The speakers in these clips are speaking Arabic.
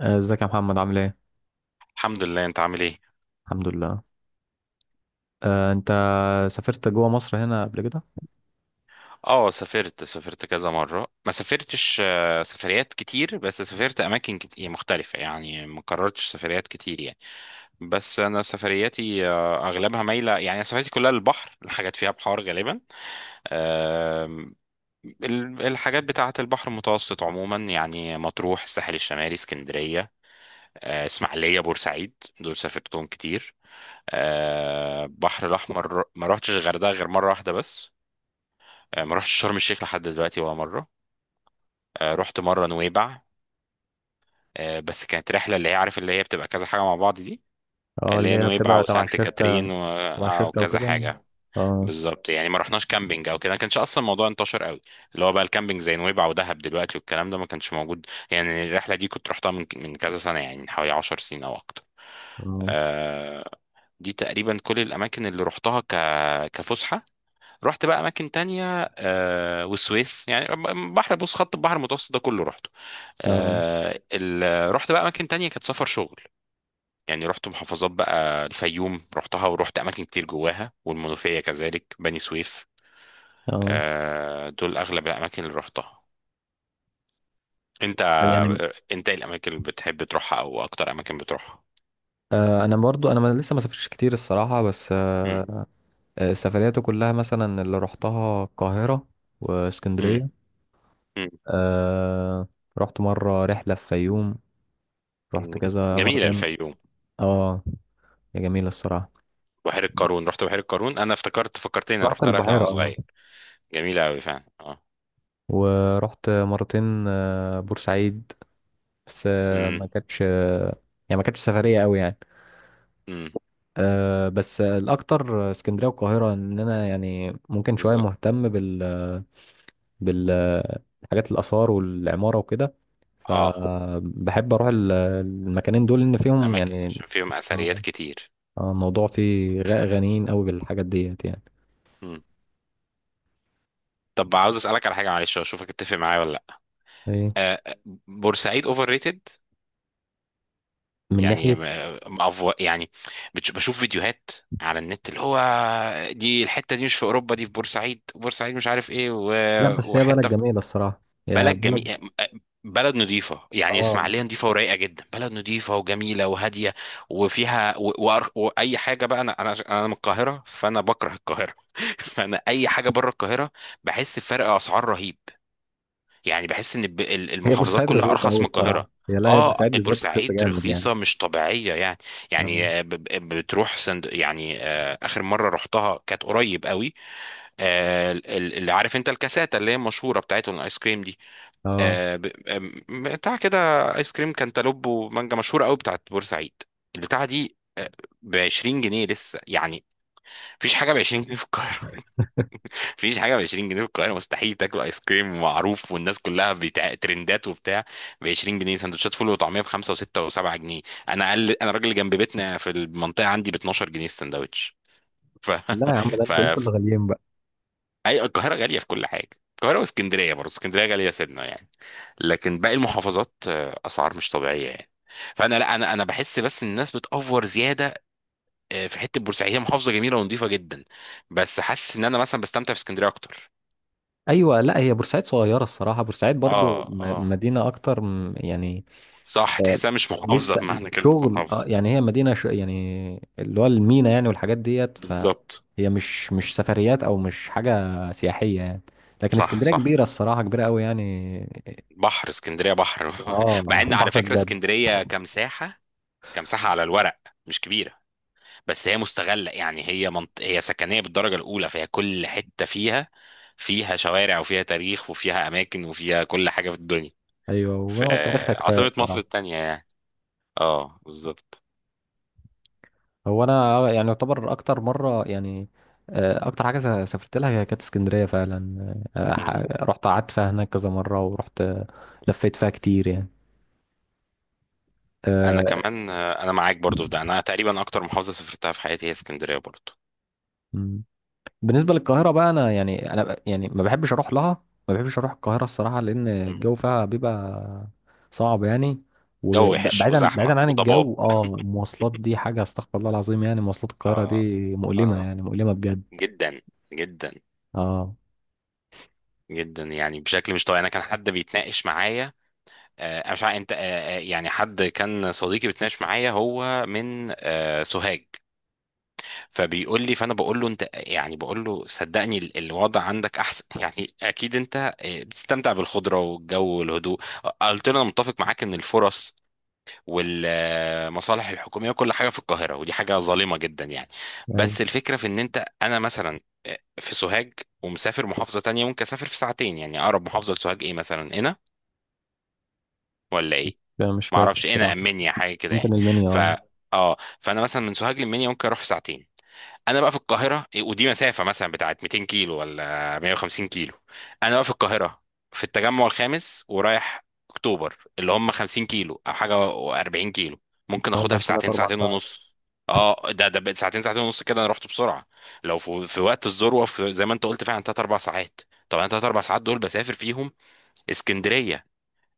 ازيك يا محمد عامل ايه؟ الحمد لله. انت عامل ايه؟ الحمد لله. انت سافرت جوه مصر هنا قبل كده؟ اه، سافرت كذا مرة، ما سافرتش، سفريات كتير، بس سافرت اماكن كتير مختلفة، يعني ما كررتش سفريات كتير يعني. بس انا سفرياتي، اغلبها مايلة يعني، سفرياتي كلها للبحر، الحاجات فيها بحار غالبا. آم، الحاجات بتاعة البحر المتوسط عموما، يعني مطروح، الساحل الشمالي، اسكندرية، اسماعيلية، بورسعيد، دول سافرتهم كتير. البحر الأحمر ما رحتش الغردقة غير مرة واحدة بس. ما رحتش شرم الشيخ لحد دلوقتي ولا مرة. رحت مرة نويبع. بس كانت رحلة اللي هي، عارف، اللي هي بتبقى كذا حاجة مع بعض دي. اه اللي اللي هي هي نويبع بتبقى تبع وسانت الشركة. كاترين و... تبع آه، الشركة وكذا وكده. حاجة. اه. بالظبط يعني، ما رحناش كامبينج او كده، ما كانش اصلا الموضوع انتشر قوي، اللي هو بقى الكامبينج زي نويبع ودهب دلوقتي، والكلام ده ما كانش موجود. يعني الرحلة دي كنت رحتها من كذا سنة، يعني من حوالي 10 سنين او اكتر. اه. آه، دي تقريبا كل الاماكن اللي رحتها كفسحة. رحت بقى اماكن تانية، والسويس يعني، بحر، بص خط البحر المتوسط ده كله رحته. اه. آه ال... رحت بقى اماكن تانية كانت سفر شغل، يعني رحت محافظات بقى، الفيوم رحتها، ورحت اماكن كتير جواها، والمنوفية كذلك، بني سويف. اه. آه، دول اغلب الاماكن اللي رحتها. انت، يعني انت ايه الاماكن اللي بتحب تروحها، او اكتر اماكن بتروحها؟ انا برضو انا ما- لسه ما سافرتش كتير الصراحة. بس مم. سفرياتي كلها مثلا اللي رحتها القاهرة مم. واسكندرية. مم. آه، رحت مرة رحلة في فيوم، رحت مم. كذا جميلة مرتين. الفيوم. اه، يا جميلة الصراحة. بحيرة قارون، رحت بحيرة قارون، انا افتكرت، فكرتني، انا رحت رحت رحلة البحيرة وانا اه. صغير. جميلة قوي فعلا، اه. ورحت مرتين بورسعيد، بس آه، امم. ما كانتش آه، يعني ما كانتش سفرية قوي يعني. امم. بس الأكتر اسكندرية والقاهرة، إن أنا يعني ممكن شوية بالظبط. مهتم بالحاجات الآثار والعمارة وكده. اه، فبحب أروح المكانين دول، إن فيهم اماكن يعني عشان فيهم اثريات آه، كتير. الموضوع فيه غنيين قوي بالحاجات ديت يعني. مم. طب عاوز اسالك على حاجه، معلش، واشوفك اتفق معايا ولا لا. إيه، آه، آه، بورسعيد اوفر ريتد، من يعني ناحية. مأفو يعني. بشوف فيديوهات على النت، اللي هو دي الحته دي مش في اوروبا، دي في بورسعيد. بورسعيد مش عارف ايه، لا، بس هي بلد وحته في جميلة الصراحة، يا بلد بلد. جميله. بلد نظيفة، يعني اه، اسماعيلية نظيفة ورايقة جدا، بلد نظيفة وجميلة وهادية وفيها وأي حاجة. بقى أنا من القاهرة، فأنا بكره القاهرة فأنا أي حاجة بره القاهرة بحس بفرق أسعار رهيب. يعني بحس ان هي المحافظات بورسعيد كلها رخيصة ارخص أوي من الصراحة. القاهره. هي لا هي اه، بورسعيد بالذات رخيصة بورسعيد جامد يعني. رخيصه مش طبيعيه يعني. اه. يعني بتروح سند يعني، اخر مره رحتها كانت قريب قوي. اللي، عارف انت، الكاساتا اللي هي مشهوره، بتاعتهم، الايس كريم دي، اه. آه، ب- آم، بتاع كده. ايس كريم كانتالوب ومانجا، مشهوره قوي بتاعت بورسعيد، البتاعه دي ب 20 جنيه لسه يعني. مفيش حاجه ب 20 جنيه في القاهره. مفيش حاجه ب 20 جنيه في القاهره مستحيل، تاكل ايس كريم معروف، والناس كلها بتاع ترندات وبتاع، ب 20 جنيه. سندوتشات فول وطعميه ب 5 و6 و7 جنيه. انا اقل، انا الراجل اللي جنب بيتنا في المنطقه عندي ب 12 جنيه السندوتش. ف لا يا عم، ده ف انتوا اللي غاليين بقى. اي، القاهره غاليه في كل حاجه. القاهره واسكندريه برضه، اسكندريه غاليه سنه يعني، لكن باقي المحافظات، اسعار مش طبيعيه يعني. فانا، لا، انا بحس بس ان الناس بتأفور زياده. في حته، بورسعيد هي محافظه جميله ونظيفه جدا، بس حاسس ان انا مثلا بستمتع في اسكندريه اكتر. ايوه، لا هي بورسعيد صغيره الصراحه، بورسعيد برضو اه، اه، مدينه يعني صح، آه، تحسها مش محافظة لسه بمعنى كلمة شغل، اه محافظة. يعني هي مدينه يعني اللي هو المينا يعني والحاجات ديت، فهي بالظبط. مش سفريات او مش حاجه سياحيه يعني. لكن صح، اسكندريه كبيره صح. الصراحه، كبيره قوي يعني. بحر اسكندرية، بحر اه مع ان على بحر فكرة بجد. اسكندرية كمساحة، كمساحة على الورق مش كبيرة، بس هي مستغلة، يعني هي هي سكنية بالدرجة الأولى، فهي كل حتة فيها، فيها شوارع، وفيها تاريخ، وفيها أماكن، وفيها كل حاجة في الدنيا ايوه في. وتاريخها كفايه عاصمة مصر الصراحه. التانية يعني. اه بالظبط. هو انا يعني يعتبر اكتر مره يعني اكتر حاجه سافرت لها هي كانت اسكندريه فعلا. مم. رحت قعدت فيها هناك كذا مره، ورحت لفيت فيها كتير يعني. انا آه، كمان، انا معاك برضو في ده، انا تقريبا اكتر محافظة سافرتها في حياتي هي اسكندرية برضو. مم. بالنسبه للقاهره بقى، انا يعني يعني ما بحبش اروح لها، ما بحبش اروح القاهره الصراحه، لان الجو فيها بيبقى صعب يعني. جو وحش وبعيدا وزحمة بعيدا عن وضباب. الجو، اه المواصلات دي حاجه استغفر الله العظيم، يعني مواصلات القاهره دي آه. مؤلمه آه. يعني، مؤلمه بجد. جدا، جدا، اه، جدا يعني، بشكل مش طبيعي. انا كان حد بيتناقش معايا، أنا مش عارف انت، يعني حد كان صديقي بيتناقش معايا، هو من سوهاج، فبيقول لي، فانا بقول له انت، يعني بقول له صدقني، الوضع عندك احسن يعني اكيد انت بتستمتع بالخضرة والجو والهدوء. قلت له انا متفق معاك ان الفرص والمصالح الحكوميه وكل حاجه في القاهره، ودي حاجه ظالمه جدا يعني. ايوه. بس الفكره في ان انت، انا مثلا في سوهاج ومسافر محافظه تانية ممكن اسافر في ساعتين، يعني اقرب محافظه لسوهاج ايه مثلا؟ هنا ولا ايه؟ انا مش ما فاكر اعرفش، هنا، الصراحه، امنيا، حاجه كده ممكن يعني. المنيا ف، اه. اه، فانا مثلا من سوهاج لمنيا ممكن اروح في ساعتين. انا بقى في القاهره ودي مسافه مثلا بتاعت 200 كيلو ولا 150 كيلو. انا بقى في القاهره، في التجمع الخامس، ورايح اكتوبر، اللي هم 50 كيلو او حاجه، و40 كيلو، ممكن تقعد اخدها لك في ثلاث ساعتين، اربع ساعتين ساعات. ونص. اه، ده ده بقت ساعتين، ساعتين ونص كده، انا رحت بسرعه. لو في وقت الذروه، في، زي ما انت قلت فعلا، 3 4 ساعات. طب انا 3 4 ساعات دول بسافر فيهم اسكندريه.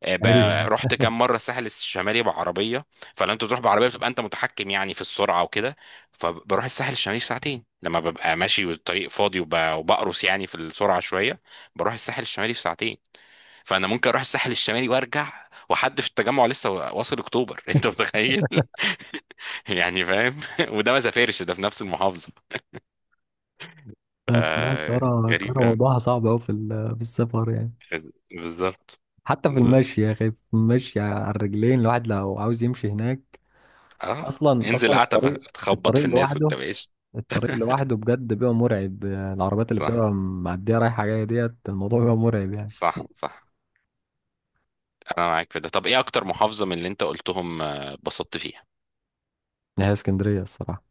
آه، ايوه، ب- رحت كام مره الساحل الشمالي بعربيه، فلما انت بتروح بعربيه بتبقى انت متحكم يعني في السرعه وكده، فبروح الساحل الشمالي في ساعتين لما ببقى ماشي والطريق فاضي، وبقرص يعني في السرعه شويه، بروح الساحل الشمالي في ساعتين. فانا ممكن اروح الساحل الشمالي وارجع، وحد في التجمع لسه واصل اكتوبر انت متخيل يعني فاهم؟ وده ما سافرش، ده في نفس المحافظه. لا، الصراحه آه الطياره غريب قوي. موضوعها صعب قوي في السفر يعني. بالظبط. حتى في بالظبط، المشي يا اخي، في المشي على الرجلين، الواحد لو عاوز يمشي هناك، اه. اصلا انزل اصلا عتبه الطريق، تخبط الطريق في الناس لوحده، وانت ماشي. الطريق لوحده بجد بيبقى مرعب، العربيات اللي صح، بتبقى معديه رايحه جايه ديت، الموضوع بيبقى مرعب يعني. صح، صح. انا معاك في ده. طب ايه اكتر محافظة من اللي انت قلتهم، اتبسطت فيها؟ هي اسكندريه الصراحه،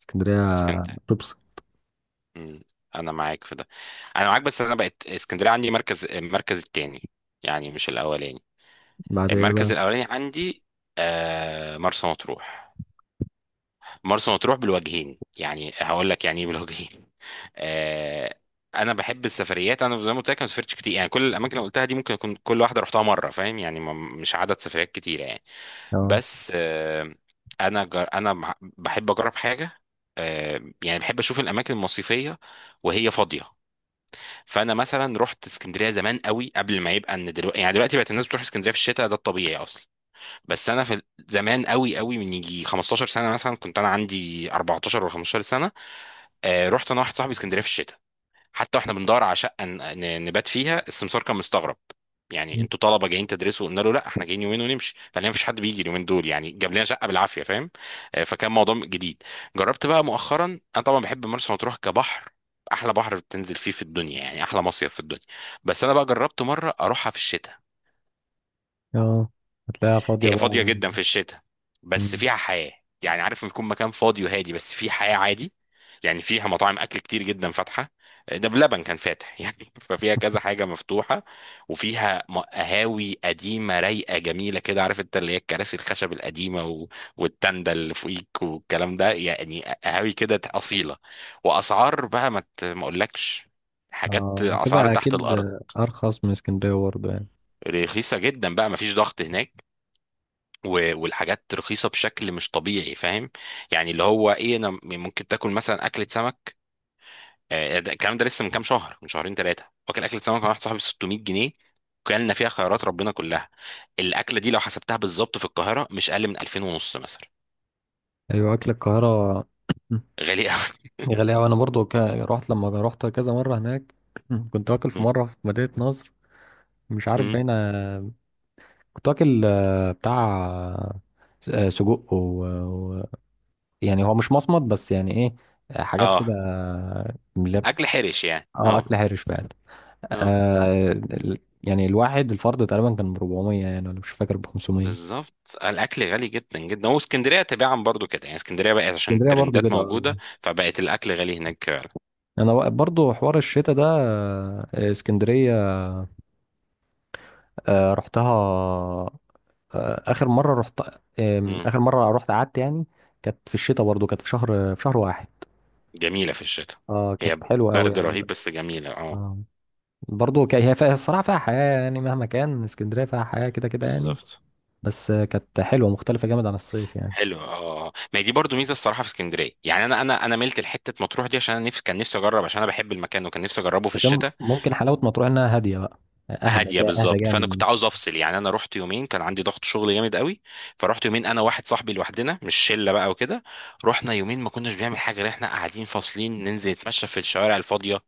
اسكندريه. اسكندرية. تبص، مم. انا معاك في ده، انا معاك، بس انا بقت اسكندرية عندي مركز، المركز التاني، يعني مش الاولاني. بعد ايه المركز بقى؟ الاولاني عندي مرسى مطروح. مرسى مطروح بالوجهين، يعني هقول لك يعني ايه بالوجهين. آه، انا بحب السفريات. انا زي ما قلت لك، أنا ما سافرتش كتير يعني، كل الاماكن اللي قلتها دي ممكن اكون كل واحده رحتها مره، فاهم يعني، مش عدد سفريات كتيره يعني. اه. بس انا بحب اجرب حاجه، يعني بحب اشوف الاماكن المصيفيه وهي فاضيه. فانا مثلا رحت اسكندريه زمان قوي، قبل ما يبقى ان دلوقتي، يعني دلوقتي بقت الناس بتروح اسكندريه في الشتاء، ده الطبيعي اصلا، بس انا في زمان قوي قوي، من يجي 15 سنه مثلا، كنت انا عندي 14 ولا 15 سنه. رحت انا واحد صاحبي اسكندريه في الشتاء، حتى واحنا بندور على شقه نبات فيها السمسار كان مستغرب، يعني انتوا طلبه جايين تدرسوا؟ قلنا له لا، احنا جايين يومين ونمشي، فقال لنا مفيش حد بيجي اليومين دول يعني، جاب لنا شقه بالعافيه، فاهم. فكان موضوع جديد. جربت بقى مؤخرا، انا طبعا بحب مرسى مطروح كبحر، احلى بحر بتنزل فيه في الدنيا يعني، احلى مصيف في الدنيا، بس انا بقى جربت مره اروحها في الشتاء. اه هتلاقيها فاضيه هي بقى فاضية جدا في الشتاء بس مم. فيها حياة، يعني عارف لما يكون مكان فاضي وهادي بس فيه حياة عادي، يعني فيها مطاعم أكل كتير جدا فاتحة، ده بلبن كان فاتح يعني ففيها كذا حاجة مفتوحة، وفيها قهاوي قديمة رايقة جميلة كده، عارف انت، اللي هي الكراسي الخشب القديمة والتندة اللي فوقيك والكلام ده، يعني قهاوي كده أصيلة. وأسعار بقى، ما أقولكش، حاجات، اه أسعار هتبقى تحت اكيد الأرض. ارخص من اسكندريه برضه يعني. رخيصة جدا بقى، مفيش ضغط هناك، والحاجات رخيصة بشكل مش طبيعي، فاهم. يعني اللي هو ايه، انا ممكن تاكل مثلا اكلة سمك، الكلام ده لسه من كام شهر، من شهرين ثلاثة، واكل اكلة سمك مع واحد صاحبي ب 600 جنيه، كلنا فيها خيرات ربنا كلها. الاكلة دي لو حسبتها بالظبط في القاهرة مش اقل من 2000 ونص مثلا. ايوه، اكل القاهره غالي قوي. غالي أوي. أنا برضو رحت لما رحت كذا مرة هناك. كنت واكل في مم. مرة في مدينة نصر، مش عارف مم. باينة. كنت واكل بتاع سجق و... يعني هو مش مصمت، بس يعني إيه، حاجات كده اه، من اكل حرش يعني، اه اه. أكل هارش فعلا. اه، يعني الواحد الفرد تقريبا كان ب 400 يعني، أنا مش فاكر، ب 500. بالظبط، الاكل غالي جدا جدا. واسكندريه تباعا برضو كده يعني، اسكندريه بقت عشان اسكندرية برضو الترندات كده آه. موجوده، فبقت الاكل غالي هناك فعلا. أنا برضو حوار الشتاء ده اسكندرية رحتها، آه، اخر مره رحت اخر مره رحت قعدت يعني كانت في الشتاء، برضو كانت في شهر، في شهر واحد. جميلة في الشتاء، اه هي كانت حلوه قوي برد يعني رهيب بقى. بس جميلة، اه. آه. برضو كان هي فيها الصراحه فيها حياه، يعني مهما كان اسكندريه فيها حياه كده كده يعني. بالظبط. بس كانت حلوه مختلفه جامد عن الصيف يعني. حلو، اه، ما هي دي برضو ميزه الصراحه في اسكندريه، يعني انا ملت لحته مطروح دي، عشان انا نفسي، كان نفسي اجرب، عشان انا بحب المكان وكان نفسي اجربه في بس هي الشتاء. ممكن حلاوه مطروح انها هاديه بقى، هاديه، اهدى بالظبط. جامد فانا من كنت عاوز اسكندريه. افصل، يعني انا رحت يومين، كان عندي ضغط شغل جامد قوي، فرحت يومين انا واحد صاحبي لوحدنا، مش شله بقى وكده. رحنا يومين ما كناش بنعمل حاجه غير احنا قاعدين فاصلين، ننزل نتمشى في الشوارع الفاضيه.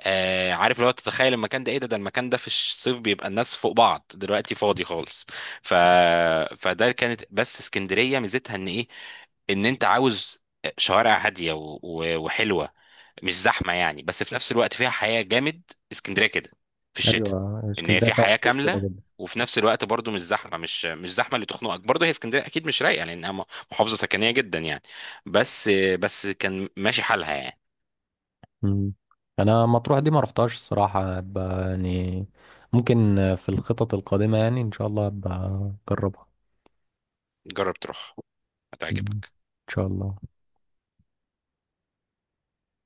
آه، عارف لو تتخيل المكان ده ايه، ده ده المكان ده في الصيف بيبقى الناس فوق بعض، دلوقتي فاضي خالص. ف... فده كانت، بس اسكندرية ميزتها ان ايه؟ ان انت عاوز شوارع هادية وحلوة، مش زحمة يعني، بس في نفس الوقت فيها حياة جامد. اسكندرية كده في الشتاء، ايوه ان هي اسكندريه فيها فيها حياة كتير كده كاملة، جدا. وفي نفس الوقت برضو مش زحمه، مش زحمه اللي تخنقك. برضو هي اسكندريه اكيد مش رايقه، لانها محافظه سكنيه جدا يعني. بس بس كان ماشي حالها يعني. مم. انا مطروح دي ما رحتهاش الصراحه يعني ممكن في الخطط القادمه يعني ان شاء الله ابقى اجربها. جرب تروح، ان هتعجبك. شاء الله.